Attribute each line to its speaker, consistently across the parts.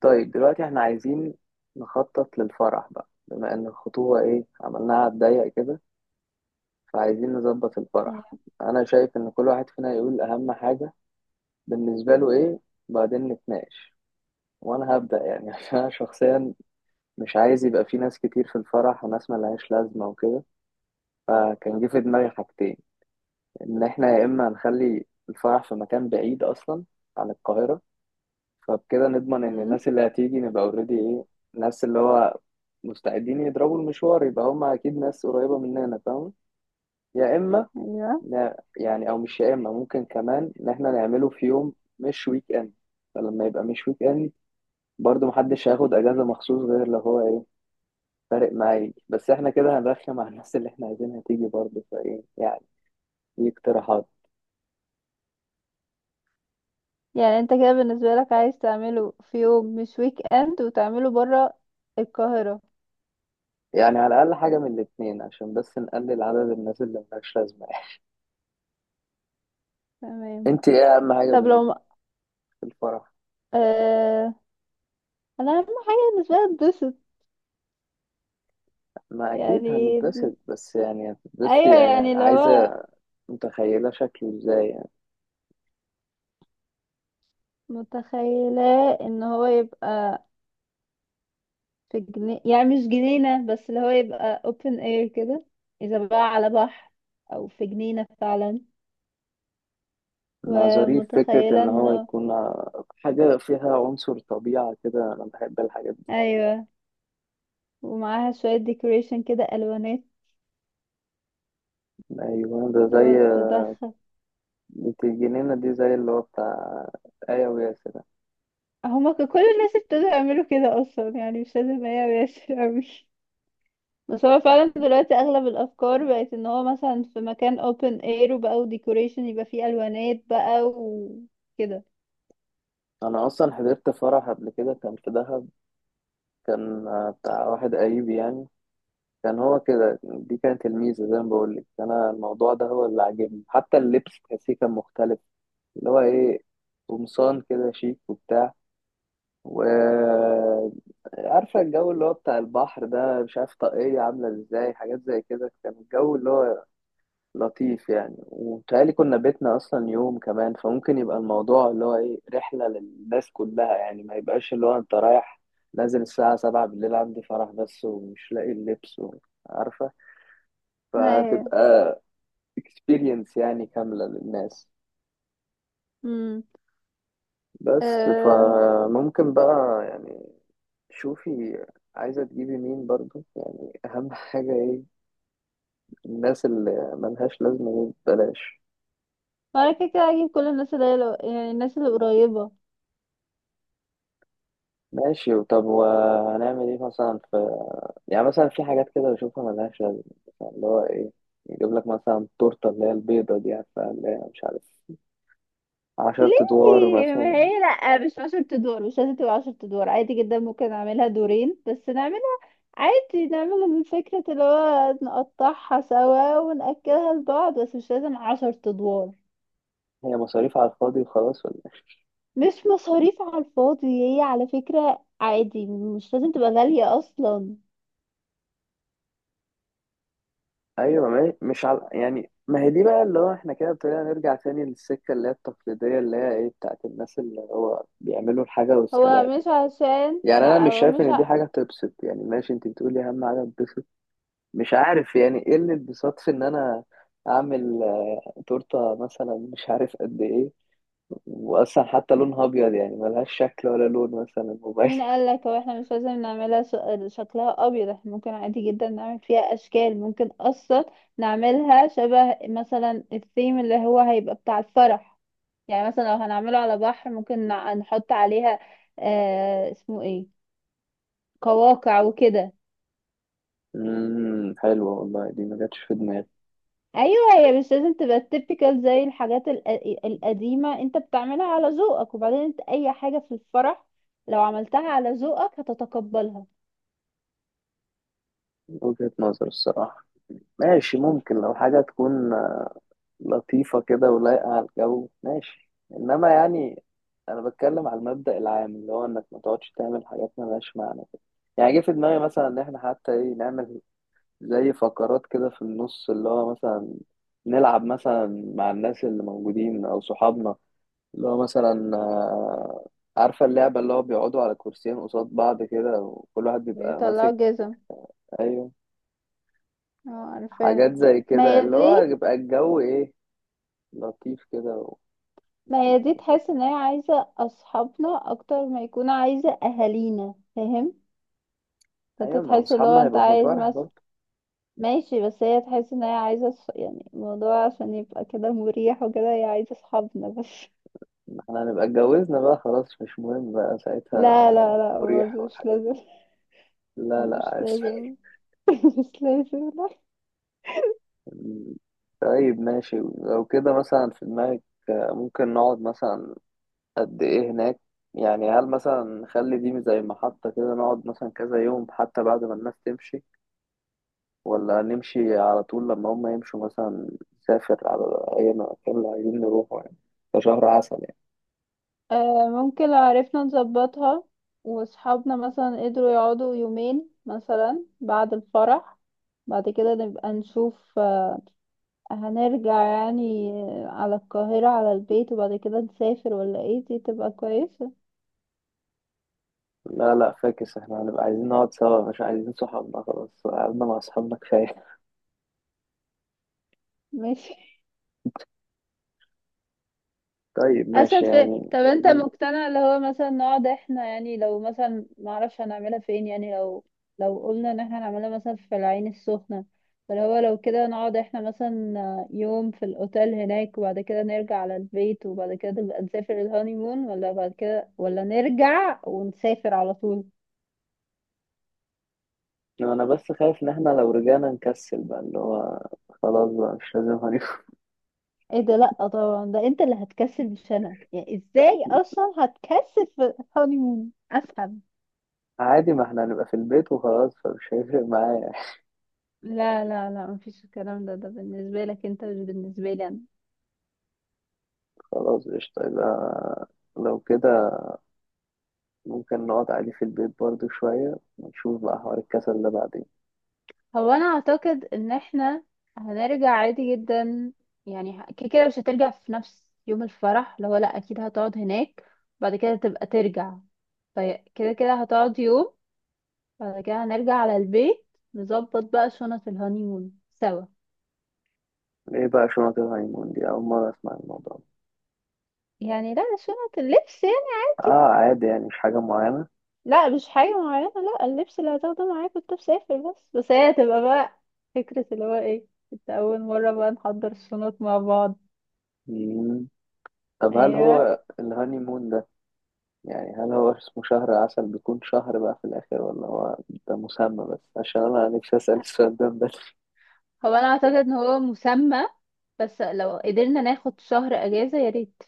Speaker 1: طيب دلوقتي احنا عايزين نخطط للفرح بقى، بما ان الخطوبة ايه، عملناها على الضيق كده، فعايزين نظبط الفرح.
Speaker 2: ايوه.
Speaker 1: انا شايف ان كل واحد فينا يقول اهم حاجة بالنسبة له ايه، بعدين نتناقش، وانا هبدأ يعني عشان انا شخصيا مش عايز يبقى في ناس كتير في الفرح وناس ملهاش لازمة وكده، فكان جه في دماغي حاجتين. ان احنا يا اما نخلي الفرح في مكان بعيد اصلا عن القاهرة، فبكده نضمن ان
Speaker 2: مم.
Speaker 1: الناس اللي هتيجي نبقى اوريدي ايه، الناس اللي هو مستعدين يضربوا المشوار يبقى هم اكيد ناس قريبة مننا، فاهم؟ يا اما
Speaker 2: أيوة.
Speaker 1: يعني، او مش يا اما، ممكن كمان ان احنا نعمله في يوم مش ويك اند، فلما يبقى مش ويك اند برضه محدش هياخد اجازة مخصوص غير لو هو ايه، فارق معايا، بس احنا كده هنرخم على الناس اللي احنا عايزينها تيجي برضه، فايه يعني، دي اقتراحات.
Speaker 2: يعني انت كده بالنسبة لك عايز تعمله في يوم مش ويك اند وتعمله برا القاهرة.
Speaker 1: يعني على الاقل حاجة من الاتنين عشان بس نقلل عدد الناس اللي ملهاش لازمة
Speaker 2: تمام.
Speaker 1: انت ايه اهم حاجة
Speaker 2: طب لو ما...
Speaker 1: في الفرح؟
Speaker 2: آه... انا اهم حاجة بالنسبة لي اتبسط.
Speaker 1: ما اكيد
Speaker 2: يعني
Speaker 1: هنتبسط، بس يعني هتتبسط
Speaker 2: ايوه
Speaker 1: يعني
Speaker 2: يعني اللي هو
Speaker 1: عايزه متخيله شكله ازاي يعني.
Speaker 2: متخيلة ان هو يبقى في جنينة، يعني مش جنينة، بس اللي هو يبقى open air كده، اذا بقى على بحر او في جنينة فعلا،
Speaker 1: مع ظريف فكره
Speaker 2: ومتخيلة
Speaker 1: ان هو
Speaker 2: انه
Speaker 1: يكون حاجه فيها عنصر طبيعه كده، انا بحب الحاجات دي.
Speaker 2: ايوه، ومعاها شوية decoration كده الوانات
Speaker 1: ايوه ده زي
Speaker 2: لو تدخل.
Speaker 1: بنت الجنينه دي، زي اللي هو بتاع ايه، وياسر ده.
Speaker 2: كل الناس ابتدوا يعملوا كده اصلا، يعني مش لازم هي ياسر اوي، بس هو فعلا دلوقتي اغلب الافكار بقت ان هو مثلا في مكان open air وبقى ديكوريشن يبقى فيه الوانات بقى وكده.
Speaker 1: انا اصلا حضرت فرح قبل كده كان في دهب، كان بتاع واحد قريب يعني، كان هو كده، دي كانت الميزه زي ما بقول لك، انا الموضوع ده هو اللي عاجبني، حتى اللبس تحسيه كان مختلف، اللي هو ايه، قمصان كده شيك وبتاع، وعارفة الجو اللي هو بتاع البحر ده، مش عارف، طاقية عاملة ازاي، حاجات زي كده، كان الجو اللي هو لطيف يعني، وبيتهيألي كنا بيتنا أصلا يوم كمان، فممكن يبقى الموضوع اللي هو ايه رحلة للناس كلها يعني، ما يبقاش اللي هو انت رايح نازل الساعة 7 بالليل عندي فرح بس ومش لاقي اللبس عارفة،
Speaker 2: ايوه.
Speaker 1: فتبقى experience يعني كاملة للناس.
Speaker 2: امم
Speaker 1: بس
Speaker 2: أه...
Speaker 1: فممكن بقى يعني، شوفي عايزة تجيبي مين برضو؟ يعني أهم حاجة إيه؟ الناس اللي ملهاش لازمة دي بلاش.
Speaker 2: وانا كده كده هجيب كل الناس اللي هي يعني الناس اللي قريبة.
Speaker 1: ماشي، طب وهنعمل إيه مثلا في، يعني مثلا في حاجات كده بشوفها ملهاش لازمة، مثلا اللي هو إيه، يجيب لك مثلا التورتة اللي هي البيضة دي، عارفة اللي هي مش عارف، 10 أدوار
Speaker 2: ليه؟ ما
Speaker 1: مثلا،
Speaker 2: هي لا، مش عشر ادوار، مش لازم تبقى عشر ادوار، عادي جدا ممكن اعملها دورين بس، نعمل عادي، نعمل من فكرة اللي هو نقطعها سوا ونأكلها لبعض، بس مش لازم عشر أدوار.
Speaker 1: هي مصاريف على الفاضي وخلاص ولا إيه؟
Speaker 2: مش مصاريف على الفاضي، هي على فكرة عادي، مش لازم تبقى غالية أصلا.
Speaker 1: أيوة ما هي- مش على، يعني ما هي دي بقى اللي هو إحنا كده ابتدينا نرجع تاني للسكة اللي هي التقليدية اللي هي إيه بتاعت الناس اللي هو بيعملوا الحاجة
Speaker 2: هو
Speaker 1: والسلام،
Speaker 2: مش عشان
Speaker 1: يعني انا
Speaker 2: لا
Speaker 1: مش
Speaker 2: هو
Speaker 1: شايف
Speaker 2: مش
Speaker 1: ان دي
Speaker 2: ع...
Speaker 1: حاجه تبسط، يعني ماشي انت بتقولي اهم حاجه تبسط، مش عارف يعني ايه اللي اتبسط في ان انا اعمل آه، تورته مثلا مش عارف قد ايه، واصلا حتى لونها ابيض يعني ملهاش شكل ولا لون مثلا مبين.
Speaker 2: مين قالك هو احنا مش لازم شكلها أبيض؟ احنا ممكن عادي جدا نعمل فيها أشكال، ممكن أصلا نعملها شبه مثلا الثيم اللي هو هيبقى بتاع الفرح. يعني مثلا لو هنعمله على بحر ممكن نحط عليها، آه اسمه ايه، كواقع وكده.
Speaker 1: حلوه والله، دي ما جاتش في دماغي،
Speaker 2: ايوه، هي مش لازم تبقى typical زي الحاجات القديمه، انت بتعملها على ذوقك، وبعدين انت اي حاجه في الفرح لو عملتها على ذوقك هتتقبلها.
Speaker 1: وجهه نظر الصراحه، ماشي
Speaker 2: شكرا.
Speaker 1: ممكن لو حاجه تكون لطيفة كده ولايقة على الجو، ماشي، إنما يعني أنا بتكلم على المبدأ العام اللي هو إنك ما تقعدش تعمل حاجات ملهاش معنى كده. يعني جه في دماغي مثلا إن إحنا حتى إيه نعمل زي فقرات كده في النص، اللي هو مثلا نلعب مثلا مع الناس اللي موجودين أو صحابنا، اللي هو مثلا آه، عارفة اللعبة اللي هو بيقعدوا على كرسيين قصاد بعض كده وكل واحد بيبقى
Speaker 2: بيطلعوا
Speaker 1: ماسك،
Speaker 2: جزم.
Speaker 1: أيوه،
Speaker 2: اه عارفاها.
Speaker 1: حاجات زي
Speaker 2: ما
Speaker 1: كده
Speaker 2: هي
Speaker 1: اللي هو
Speaker 2: دي.
Speaker 1: يبقى الجو إيه لطيف كده.
Speaker 2: ما هي دي تحس ان هي عايزه اصحابنا اكتر ما يكون عايزه اهالينا، فاهم؟ انت
Speaker 1: ايوه ما
Speaker 2: تحس اللي هو
Speaker 1: اصحابنا
Speaker 2: انت
Speaker 1: هيبقوا في
Speaker 2: عايز
Speaker 1: الفرح
Speaker 2: مثلا
Speaker 1: برضه،
Speaker 2: ماشي، بس هي تحس ان هي يعني الموضوع عشان يبقى كده مريح وكده، هي عايزه اصحابنا بس.
Speaker 1: ما احنا هنبقى اتجوزنا بقى خلاص مش مهم بقى ساعتها،
Speaker 2: لا لا لا،
Speaker 1: مريح
Speaker 2: برضه مش
Speaker 1: والحاجات
Speaker 2: لازم.
Speaker 1: دي، لا لا
Speaker 2: مش
Speaker 1: عادي.
Speaker 2: لازم. مش لازم، لا.
Speaker 1: طيب ماشي لو كده مثلا في دماغك آه، ممكن نقعد مثلا قد ايه هناك؟ يعني هل مثلا نخلي دي زي محطة كده نقعد مثلا كذا يوم حتى بعد ما الناس تمشي، ولا نمشي على طول لما هم يمشوا مثلا، نسافر على اي مكان اللي عايزين نروحه يعني كشهر عسل.
Speaker 2: آه ممكن لو عرفنا نظبطها، وصحابنا مثلا قدروا يقعدوا يومين مثلا بعد الفرح، بعد كده نبقى نشوف، آه، هنرجع يعني، آه، على القاهرة على البيت، وبعد كده نسافر، ولا ايه؟ دي تبقى كويسة.
Speaker 1: لا لا فاكس، احنا هنبقى عايزين نقعد سوا مش عايزين صحابنا، خلاص قعدنا مع صحابنا كفاية.
Speaker 2: ماشي.
Speaker 1: طيب ماشي
Speaker 2: اسهل في.
Speaker 1: يعني
Speaker 2: طب انت
Speaker 1: م-
Speaker 2: مقتنع اللي هو مثلا نقعد احنا، يعني لو مثلا معرفش هنعملها فين، يعني لو لو قلنا ان احنا هنعملها مثلا في العين السخنة، فاللي هو لو كده نقعد احنا مثلا يوم في الاوتيل هناك، وبعد كده نرجع على البيت، وبعد كده نبقى نسافر الهانيمون، ولا بعد كده، ولا نرجع ونسافر على طول؟
Speaker 1: انا بس خايف ان احنا لو رجعنا نكسل بقى اللي هو خلاص بقى مش لازم
Speaker 2: ايه ده؟ لا طبعا، ده انت اللي هتكسل مش انا، يعني ازاي اصلا هتكسل في الهانيمون؟ افهم.
Speaker 1: عادي ما احنا هنبقى في البيت وخلاص فمش هيفرق معايا
Speaker 2: لا لا لا، مفيش الكلام ده، ده بالنسبة لك انت مش بالنسبة لي انا.
Speaker 1: خلاص قشطة، يبقى لو كده ممكن نقعد عادي في البيت برضو شوية ونشوف بقى حوار الكسل ده بعدين.
Speaker 2: انا اعتقد ان احنا هنرجع عادي جدا، يعني كده كده مش هترجع في نفس يوم الفرح، اللي هو لا اكيد هتقعد هناك، بعد كده تبقى ترجع، فكده كده هتقعد يوم، بعد كده هنرجع على البيت، نظبط بقى شنط الهانيمون سوا.
Speaker 1: ايه بقى شنط الهايمون دي؟ أول مرة أسمع الموضوع ده.
Speaker 2: يعني لا، شنط اللبس يعني عادي.
Speaker 1: اه عادي يعني مش حاجة معينة.
Speaker 2: لا مش حاجة معينة، لا اللبس اللي هتاخده معاك وانت مسافر بس، بس هي هتبقى بقى فكرة اللي هو ايه، انت اول مرة بقى نحضر الشنط مع بعض.
Speaker 1: مم. طب هل
Speaker 2: ايوه.
Speaker 1: هو الهانيمون ده، يعني هل هو اسمه شهر عسل بيكون شهر بقى في الآخر، ولا هو ده مسمى بس؟ عشان أنا نفسي أسأل السؤال ده من بدري.
Speaker 2: انا اعتقد ان هو مسمى، بس لو قدرنا ناخد شهر اجازة يا ريت.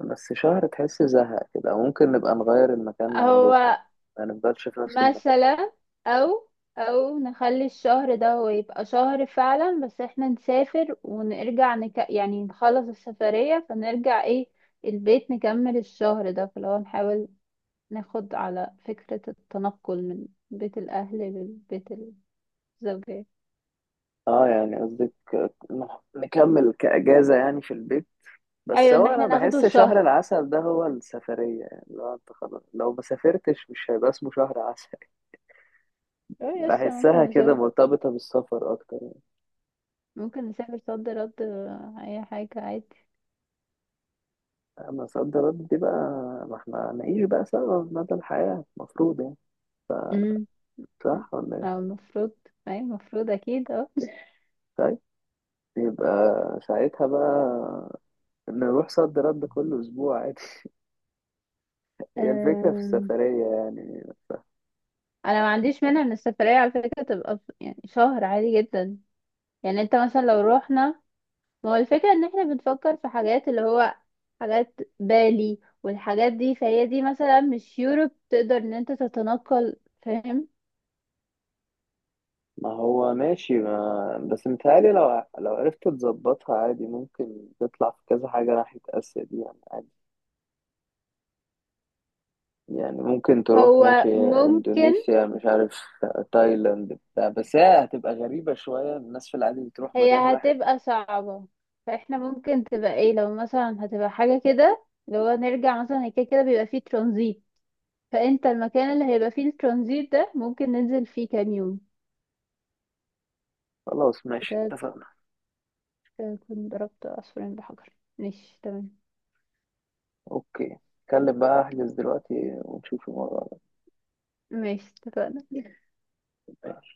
Speaker 1: بس شهر تحس زهق كده، ممكن نبقى نغير المكان اللي
Speaker 2: هو
Speaker 1: هنروحه، ما نفضلش في نفس المكان.
Speaker 2: مثلا او او نخلي الشهر ده هو يبقى شهر فعلا، بس احنا نسافر ونرجع، يعني نخلص السفرية فنرجع ايه البيت، نكمل الشهر ده. فلو نحاول ناخد على فكرة التنقل من بيت الاهل للبيت الزوجية.
Speaker 1: اه يعني قصدك نكمل كأجازة يعني في البيت، بس
Speaker 2: ايوه، ان
Speaker 1: هو
Speaker 2: احنا
Speaker 1: أنا
Speaker 2: ناخده
Speaker 1: بحس شهر
Speaker 2: شهر.
Speaker 1: العسل ده هو السفرية يعني، لو أنت خلاص لو ما سافرتش مش هيبقى اسمه شهر عسل.
Speaker 2: اه يس
Speaker 1: بحسها
Speaker 2: ممكن
Speaker 1: كده
Speaker 2: نسافر.
Speaker 1: مرتبطة بالسفر أكتر،
Speaker 2: ممكن نسافر صد رد، آه، اي حاجة عادي.
Speaker 1: مصدرات دي بقى، ما احنا نعيش بقى سوا مدى الحياة المفروض يعني،
Speaker 2: امم.
Speaker 1: صح ولا ايه؟
Speaker 2: او المفروض، اي المفروض اكيد، اه.
Speaker 1: طيب، يبقى ساعتها بقى نروح صد رد كل أسبوع عادي هي الفكرة في
Speaker 2: أم،
Speaker 1: السفرية يعني.
Speaker 2: انا ما عنديش مانع ان السفرية على فكرة تبقى يعني شهر عادي جدا. يعني انت مثلا لو روحنا، ما هو الفكرة ان احنا بنفكر في حاجات اللي هو حاجات بالي والحاجات دي، فهي دي مثلا مش يوروب تقدر ان انت تتنقل، فاهم؟
Speaker 1: ما هو ماشي، ما بس متهيألي لو عرفت تظبطها عادي ممكن تطلع في كذا حاجة ناحية آسيا دي يعني عادي، يعني ممكن تروح ماشي
Speaker 2: هو ممكن.
Speaker 1: إندونيسيا مش عارف تايلاند بتاع، بس هي هتبقى غريبة شوية، الناس في العادي بتروح
Speaker 2: هي
Speaker 1: مكان واحد.
Speaker 2: هتبقى صعبة، فاحنا ممكن تبقى ايه لو مثلا هتبقى حاجة كده اللي هو نرجع مثلا، هي كده كده بيبقى فيه ترانزيت، فانت المكان اللي هيبقى فيه الترانزيت ده ممكن ننزل فيه كام يوم.
Speaker 1: خلاص ماشي
Speaker 2: كده
Speaker 1: اتفقنا،
Speaker 2: كده اكون ضربت عصفورين بحجر. ماشي تمام.
Speaker 1: اوكي اتكلم بقى احجز دلوقتي ونشوف الموضوع
Speaker 2: ماشي اتفقنا.
Speaker 1: ده